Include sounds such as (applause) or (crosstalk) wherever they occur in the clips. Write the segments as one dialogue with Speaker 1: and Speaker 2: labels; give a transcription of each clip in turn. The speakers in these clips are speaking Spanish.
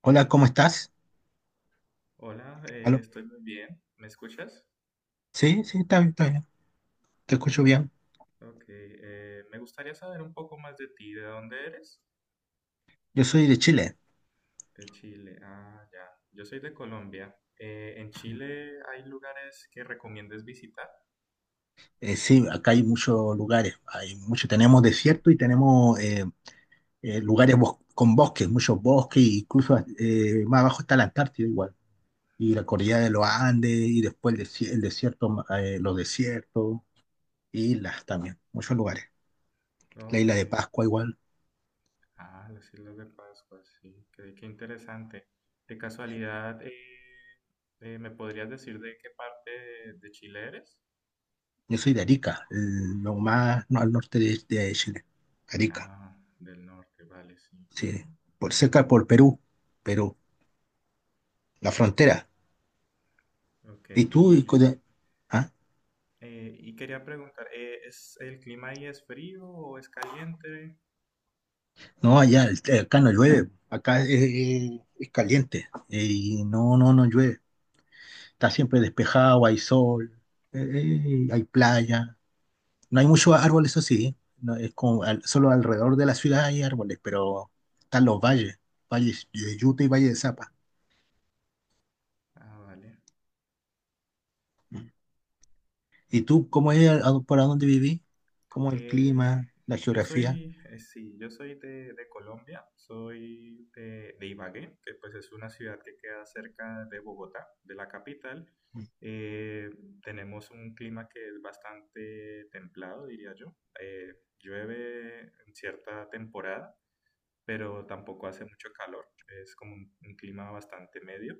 Speaker 1: Hola, ¿cómo estás?
Speaker 2: Hola,
Speaker 1: ¿Aló?
Speaker 2: estoy muy bien. ¿Me escuchas?
Speaker 1: Sí, sí, está bien, está bien. Te escucho
Speaker 2: Ok,
Speaker 1: bien.
Speaker 2: ok. Me gustaría saber un poco más de ti. ¿De dónde eres?
Speaker 1: Yo soy de Chile.
Speaker 2: De Chile. Ah, ya. Yo soy de Colombia. ¿En Chile hay lugares que recomiendes visitar?
Speaker 1: Sí, acá hay muchos lugares. Hay mucho, tenemos desierto y tenemos lugares con bosques, muchos bosques, e incluso más abajo está la Antártida igual. Y la cordillera de los Andes, y después el desierto, los desiertos, islas también, muchos lugares. La
Speaker 2: Oh,
Speaker 1: isla
Speaker 2: ok.
Speaker 1: de Pascua igual.
Speaker 2: Ah, las Islas de Pascua, sí. Qué interesante. De casualidad, ¿me podrías decir de qué parte de Chile eres?
Speaker 1: Yo soy de Arica, lo más no, al norte de Chile. Arica,
Speaker 2: Ah, del norte, vale, sí.
Speaker 1: sí. Por cerca por Perú. La frontera.
Speaker 2: Ok,
Speaker 1: Y tú, y co- de- ah,
Speaker 2: Y quería preguntar, ¿es el clima ahí es frío o es caliente?
Speaker 1: No, allá, acá no llueve, acá es, es caliente, y no llueve. Está siempre despejado, hay sol, eh, hay playa. No hay muchos árboles, eso sí, no, es como solo alrededor de la ciudad hay árboles, pero están los valles, valles de Yuta y Valle de Zapa.
Speaker 2: Ah, vale.
Speaker 1: ¿Y tú, cómo es, por dónde vivís? ¿Cómo es el
Speaker 2: Eh,
Speaker 1: clima, la geografía?
Speaker 2: sí, yo soy de Colombia, soy de Ibagué, que pues es una ciudad que queda cerca de Bogotá, de la capital. Eh, tenemos un clima que es bastante templado, diría yo. Llueve en cierta temporada, pero tampoco hace mucho calor. Es como un clima bastante medio.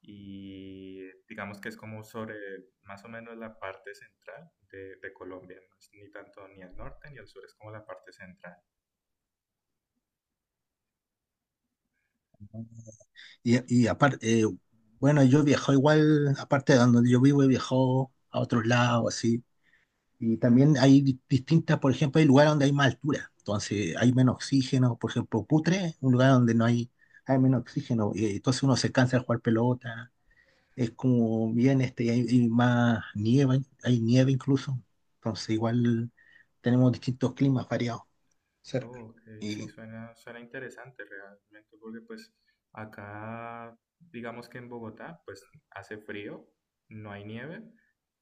Speaker 2: Y digamos que es como sobre más o menos la parte central de Colombia, no es ni tanto ni al norte ni al sur, es como la parte central.
Speaker 1: Y, y aparte, bueno, yo he viajado igual, aparte de donde yo vivo, he viajado a otros lados, así. Y también hay distintas, por ejemplo, hay lugares donde hay más altura, entonces hay menos oxígeno. Por ejemplo, Putre, un lugar donde no hay, hay menos oxígeno, y entonces uno se cansa de jugar pelota. Es como bien, este, hay más nieve, hay nieve incluso. Entonces, igual tenemos distintos climas variados cerca.
Speaker 2: Oh, ok, sí,
Speaker 1: Y
Speaker 2: suena interesante realmente, porque pues acá, digamos que en Bogotá, pues hace frío, no hay nieve,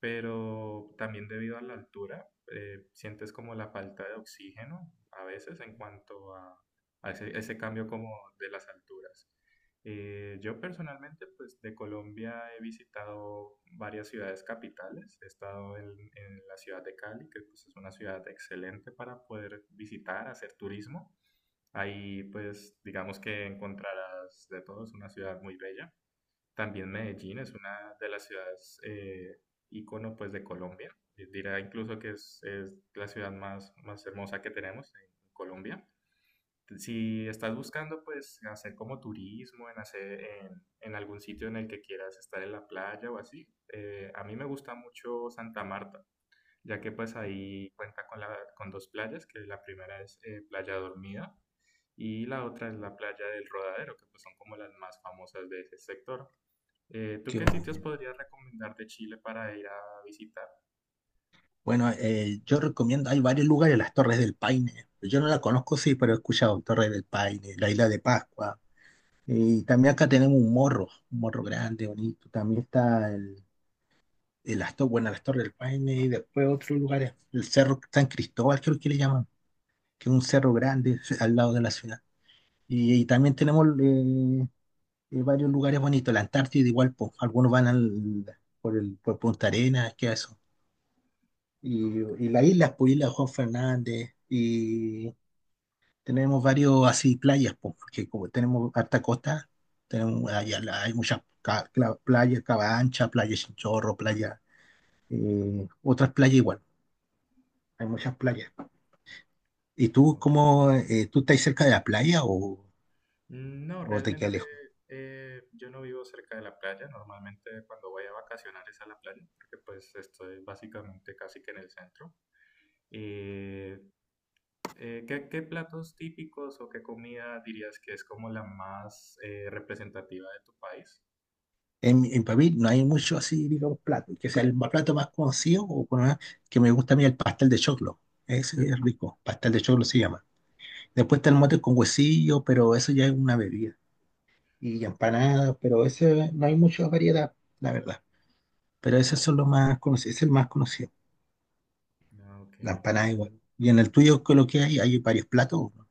Speaker 2: pero también debido a la altura, sientes como la falta de oxígeno a veces en cuanto a ese, ese cambio como de las alturas. Yo personalmente, pues de Colombia he visitado varias ciudades capitales. He estado en la ciudad de Cali, que pues, es una ciudad excelente para poder visitar, hacer turismo. Ahí, pues, digamos que encontrarás de todo, es una ciudad muy bella. También Medellín es una de las ciudades ícono, pues, de Colombia. Dirá incluso que es la ciudad más, más hermosa que tenemos en Colombia si estás buscando, pues, hacer como turismo, en hacer en algún sitio en el que quieras estar en la playa o así, a mí me gusta mucho Santa Marta, ya que pues ahí cuenta con, la, con dos playas, que la primera es Playa Dormida y la otra es la playa del Rodadero, que pues son como las más famosas de ese sector. ¿Tú
Speaker 1: qué
Speaker 2: qué sitios
Speaker 1: bueno.
Speaker 2: podrías recomendar de Chile para ir a visitar?
Speaker 1: Bueno, yo recomiendo, hay varios lugares, las Torres del Paine. Yo no la conozco, sí, pero he escuchado Torres del Paine, la Isla de Pascua.
Speaker 2: Ujú.
Speaker 1: Y también acá tenemos un morro grande, bonito. También está bueno, las Torres del Paine y después otros lugares. El Cerro San Cristóbal, creo que le llaman, que es un cerro grande al lado de la ciudad. Y también tenemos varios lugares bonitos, la Antártida igual, po. Algunos van por Punta Arenas, que eso y,
Speaker 2: Ok,
Speaker 1: y las islas, pues Isla Juan Fernández, y tenemos varios así playas, po, porque como tenemos harta costa, tenemos allá hay muchas playas, Cabancha, playa Chinchorro, playa, otras playas igual, hay muchas playas. ¿Y
Speaker 2: ah,
Speaker 1: tú
Speaker 2: ok.
Speaker 1: cómo, tú estás cerca de la playa o,
Speaker 2: No,
Speaker 1: o te quedas
Speaker 2: realmente
Speaker 1: lejos?
Speaker 2: yo no vivo cerca de la playa. Normalmente cuando voy a vacacionar es a la playa, porque pues estoy básicamente casi que en el centro. Eh, ¿Qué, qué platos típicos o qué comida dirías que es como la más representativa de tu país?
Speaker 1: En Pavil no hay mucho así, digamos, plato, que sea plato más conocido que me gusta a mí el pastel de choclo. Ese es rico, pastel de choclo se llama. Después está el mote con huesillo, pero eso ya es una bebida. Y empanadas, pero ese no hay mucha variedad, la verdad. Pero esos son los más conocidos, es el más conocido,
Speaker 2: Ah, ok.
Speaker 1: la empanada igual. Y en el tuyo, ¿qué es lo que hay? Hay varios platos, ¿no?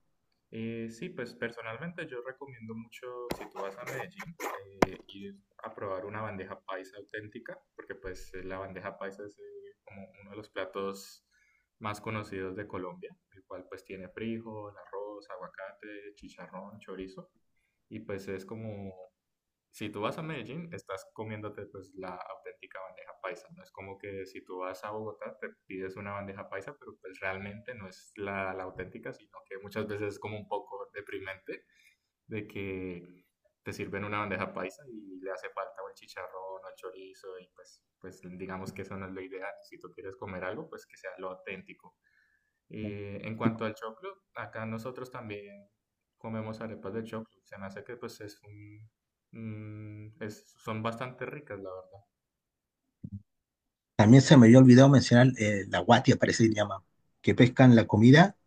Speaker 2: Sí, pues personalmente yo recomiendo mucho, si tú vas a Medellín, ir a probar una bandeja paisa auténtica, porque pues la bandeja paisa es como uno de los platos más conocidos de Colombia, el cual pues tiene frijol, arroz, aguacate, chicharrón, chorizo, y pues es como si tú vas a Medellín, estás comiéndote pues la auténtica bandeja paisa. No es como que si tú vas a Bogotá, te pides una bandeja paisa, pero pues realmente no es la, la auténtica, sino que muchas veces es como un poco deprimente de que te sirven una bandeja paisa y le hace falta o el chicharrón o el chorizo y pues, pues digamos que eso no es lo ideal. Si tú quieres comer algo, pues que sea lo auténtico. En cuanto al choclo, acá nosotros también comemos arepas de choclo. Se me hace que pues es son bastante ricas, la verdad.
Speaker 1: También se me había olvidado mencionar la guatia, parece que se llama, que pescan la comida,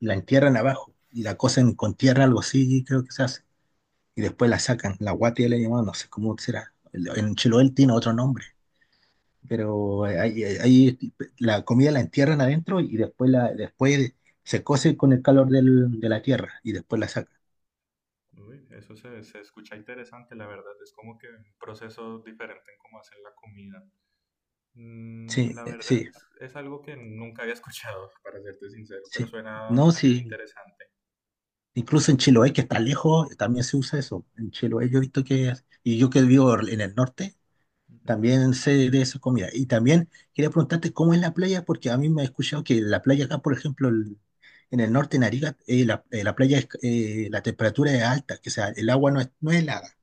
Speaker 1: la entierran abajo y la cocen con tierra, algo así, creo que se hace. Y después la sacan, la guatia le llamamos, no sé cómo será. En Chiloé tiene otro nombre. Pero ahí la comida la entierran adentro y después, después se cose con el calor de la tierra y después la sacan.
Speaker 2: Uy, se escucha interesante, la verdad. Es como que un proceso diferente en cómo hacen la comida. Mm,
Speaker 1: Sí,
Speaker 2: la verdad
Speaker 1: sí,
Speaker 2: es algo que nunca había escuchado, (laughs) para serte sincero, pero
Speaker 1: sí.
Speaker 2: suena
Speaker 1: No,
Speaker 2: también
Speaker 1: sí.
Speaker 2: interesante.
Speaker 1: Incluso en Chiloé, que está lejos, también se usa eso. En Chiloé yo he visto que, y yo que vivo en el norte,
Speaker 2: Ujú.
Speaker 1: también sé de esa comida. Y también quería preguntarte cómo es la playa, porque a mí me he escuchado que la playa acá, por ejemplo, en el norte, en Arica, la playa, es, la temperatura es alta, que sea, el agua no es, helada.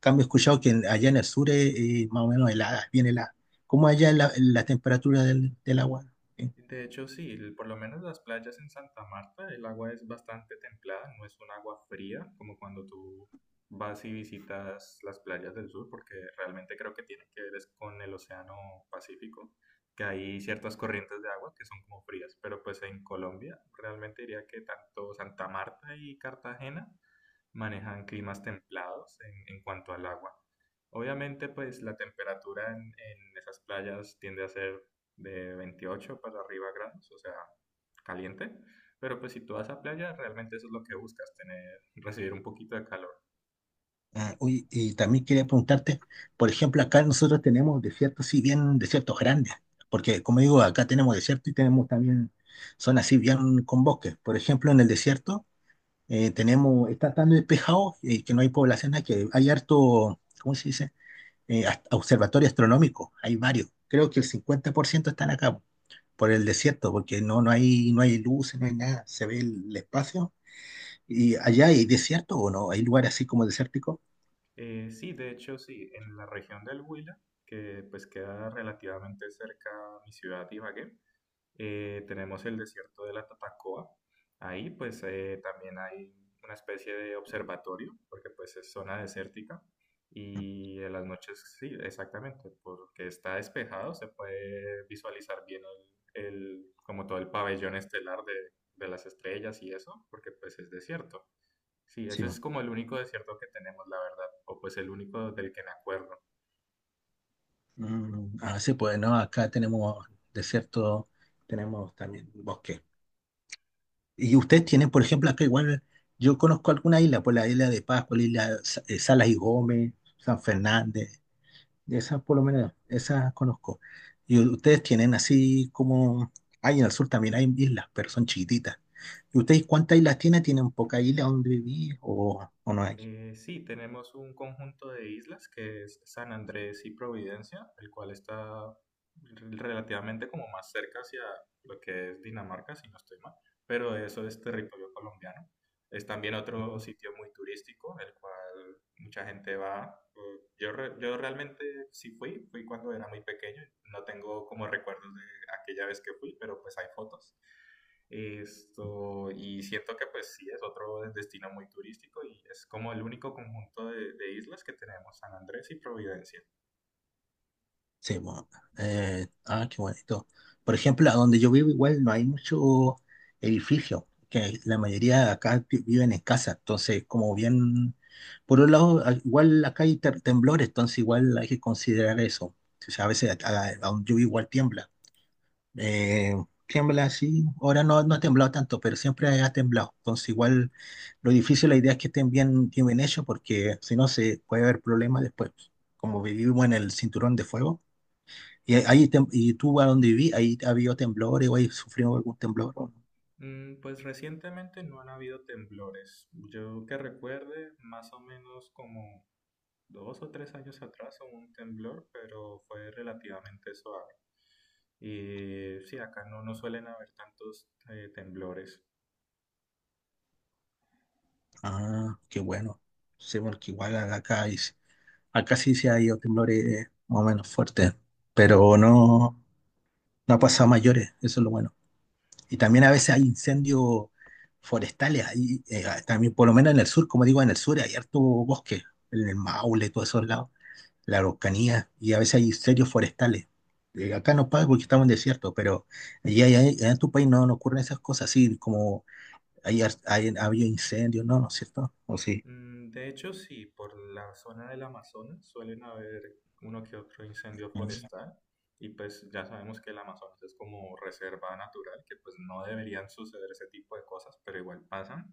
Speaker 1: Cambio, he escuchado que allá en el sur es, más o menos helada, bien helada. ¿Cómo allá la temperatura del agua? Eh,
Speaker 2: De hecho, sí, el- por lo menos las playas en Santa Marta, el agua es bastante templada, no es un agua fría como cuando tú vas y visitas las playas del sur, porque realmente creo que tiene que ver es con el Océano Pacífico, que hay ciertas corrientes de agua que son como frías, pero pues en Colombia realmente diría que tanto Santa Marta y Cartagena manejan climas templados en cuanto al agua. Obviamente, pues la temperatura en esas playas tiende a ser de 28 para arriba grados, o sea, caliente. Pero pues si tú vas a playa, realmente eso es lo que buscas, tener, recibir un poquito de calor.
Speaker 1: Oye, y también quería preguntarte, por ejemplo, acá nosotros tenemos desiertos, sí, bien desiertos grandes, porque como digo, acá tenemos desierto y tenemos también zonas así bien con bosques. Por ejemplo, en el desierto tenemos, está tan despejado que no hay poblaciones, que hay harto, ¿cómo se dice? Observatorio astronómico, hay varios. Creo que el 50% están acá por el desierto, porque no, no hay luces, no hay nada, se ve el espacio. ¿Y allá hay desierto o no? ¿Hay lugares así como desérticos?
Speaker 2: Sí, de hecho sí, en la región del Huila, que pues queda relativamente cerca a mi ciudad Ibagué. Tenemos el desierto de la Tatacoa. Ahí pues también hay una especie de observatorio, porque pues es zona desértica. Y en las noches, sí, exactamente, porque está despejado, se puede visualizar bien como todo el pabellón estelar de las estrellas y eso, porque pues es desierto. Sí, ese
Speaker 1: Sí,
Speaker 2: es
Speaker 1: bo.
Speaker 2: como el único desierto que tenemos, la verdad, o pues el único del que me acuerdo.
Speaker 1: Mm, ah, sí, pues no, acá tenemos desierto, tenemos también bosque. Y ustedes tienen, por ejemplo, acá igual, yo conozco alguna isla, por la isla de Pascua, la isla Salas y Gómez, San Fernández. Esas por lo menos, esas conozco. Y ustedes tienen así como, hay en el sur también hay islas, pero son chiquititas. ¿Y ustedes cuántas islas tienen? ¿Tienen pocas islas donde vivir o no hay?
Speaker 2: Sí, tenemos un conjunto de islas que es San Andrés y Providencia, el cual está relativamente como más cerca hacia lo que es Dinamarca, si no estoy mal, pero eso es territorio colombiano. Es también otro sitio muy turístico, el cual mucha gente va. Yo realmente sí fui, fui cuando era muy pequeño, no tengo como recuerdos de aquella vez que fui, pero pues hay fotos. Esto, y siento que pues sí, es otro destino muy turístico y es como el único conjunto de islas que tenemos, San Andrés y Providencia.
Speaker 1: Sí, bueno. Qué bonito. Por ejemplo, a donde yo vivo igual no hay mucho edificio, que la mayoría de acá viven en casa, entonces como bien, por un lado, igual acá hay temblores, entonces igual hay que considerar eso. O sea, a veces a donde yo vivo igual tiembla. Eh, Tiembla así. Ahora no ha temblado tanto, pero siempre ha temblado. Entonces, igual lo difícil, la idea es que estén bien, bien bien hechos, porque si no, se puede haber problemas después. Como vivimos en el cinturón de fuego, y tú a donde viví, ahí ha habido temblores o ahí sufrió algún temblor, ¿o no?
Speaker 2: Mm, pues recientemente no han habido temblores. Yo que recuerde, más o menos como dos o tres años atrás hubo un temblor, pero fue relativamente suave. Y sí, acá no, no suelen haber tantos temblores.
Speaker 1: Ah, qué bueno. Sí, porque igual acá, acá sí se ha ido temblores más o menos fuertes, pero no ha pasado a mayores. Eso es lo bueno. Y también a veces hay incendios forestales, ahí, también por lo menos en el sur, como digo, en el sur hay harto bosque, en el Maule, todos esos lados, la Araucanía, y a veces hay incendios forestales. Acá no pasa porque estamos en desierto, pero allá en tu país no ocurren esas cosas, así como hay, ha habido incendios, no, ¿no es cierto? O sí.
Speaker 2: Mm, de hecho, sí, por la zona del Amazonas suelen haber uno que otro incendio forestal y pues ya sabemos que el Amazonas es como reserva natural, que pues no deberían suceder ese tipo de cosas, pero igual pasan.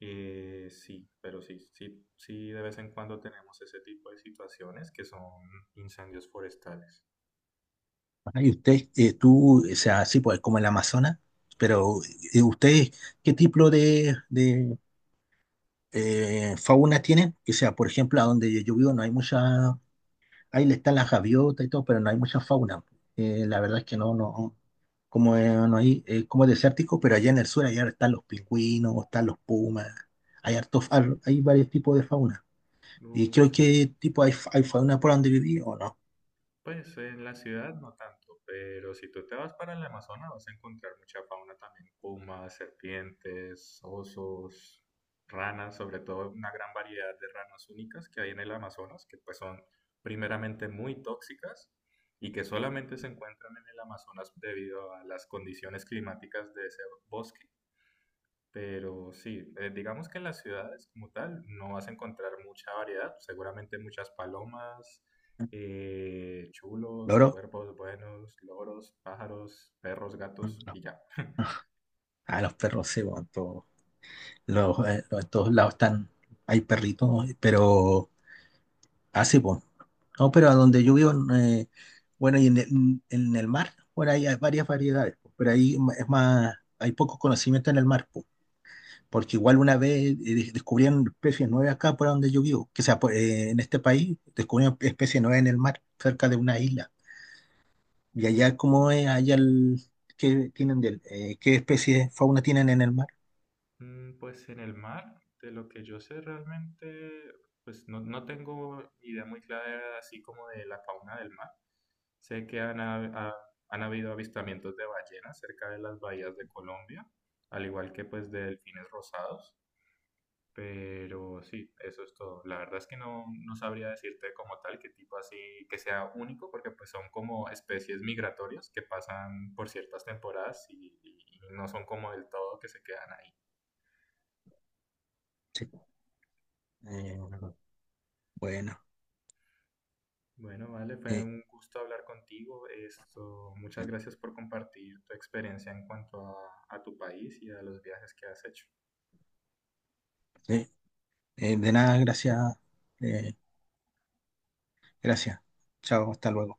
Speaker 2: Sí, pero sí, sí, sí, de vez en cuando tenemos ese tipo de situaciones que son incendios forestales.
Speaker 1: Ah, y usted, tú, o sea, sí, pues como el Amazonas, pero usted, ¿qué tipo de fauna tienen, que sea, por ejemplo, a donde yo vivo no hay mucha, ahí le están las gaviotas y todo, pero no hay mucha fauna. La verdad es que como no hay, como es desértico, pero allá en el sur allá están los pingüinos, están los pumas, hay hartos, hay varios tipos de fauna. Y creo
Speaker 2: Sí.
Speaker 1: que tipo hay fauna por donde viví o no.
Speaker 2: Pues en la ciudad no tanto, pero si tú te vas para el Amazonas vas a encontrar mucha fauna también, pumas, serpientes, osos, ranas, sobre todo una gran variedad de ranas únicas que hay en el Amazonas, que pues son primeramente muy tóxicas y que solamente se encuentran en el Amazonas debido a las condiciones climáticas de ese bosque. Pero sí, digamos que en las ciudades como tal no vas a encontrar mucha variedad, seguramente muchas palomas, chulos,
Speaker 1: ¿Loro?
Speaker 2: cuervos buenos, loros, pájaros, perros, gatos
Speaker 1: No.
Speaker 2: y ya. (laughs)
Speaker 1: (laughs) Ah, los perros se van. Estos lados están, hay perritos, pero así, pues. No, pero a donde yo vivo, bueno, y en en el mar, por ahí hay varias variedades, po, pero ahí es más, hay poco conocimiento en el mar, po, porque igual una vez descubrieron especies nuevas acá por donde yo vivo, que sea, en este país descubrieron especies nuevas en el mar, cerca de una isla. Y allá, ¿cómo es allá qué tienen qué especies de fauna tienen en el mar?
Speaker 2: Mm, pues en el mar, de lo que yo sé realmente, pues no, no tengo idea muy clara así como de la fauna del mar. Sé que han habido avistamientos de ballenas cerca de las bahías de Colombia, al igual que pues de delfines rosados. Pero sí, eso es todo. La verdad es que no, no sabría decirte como tal qué tipo así que sea único, porque pues son como especies migratorias que pasan por ciertas temporadas y no son como del todo que se quedan ahí.
Speaker 1: Sí, po. Eh, bueno.
Speaker 2: Bueno, vale, fue
Speaker 1: eh,
Speaker 2: un gusto hablar contigo. Esto, muchas gracias por compartir tu experiencia en cuanto a tu país y a los viajes que has hecho.
Speaker 1: Sí. De nada, gracias. eh, Gracias. Chao, hasta luego.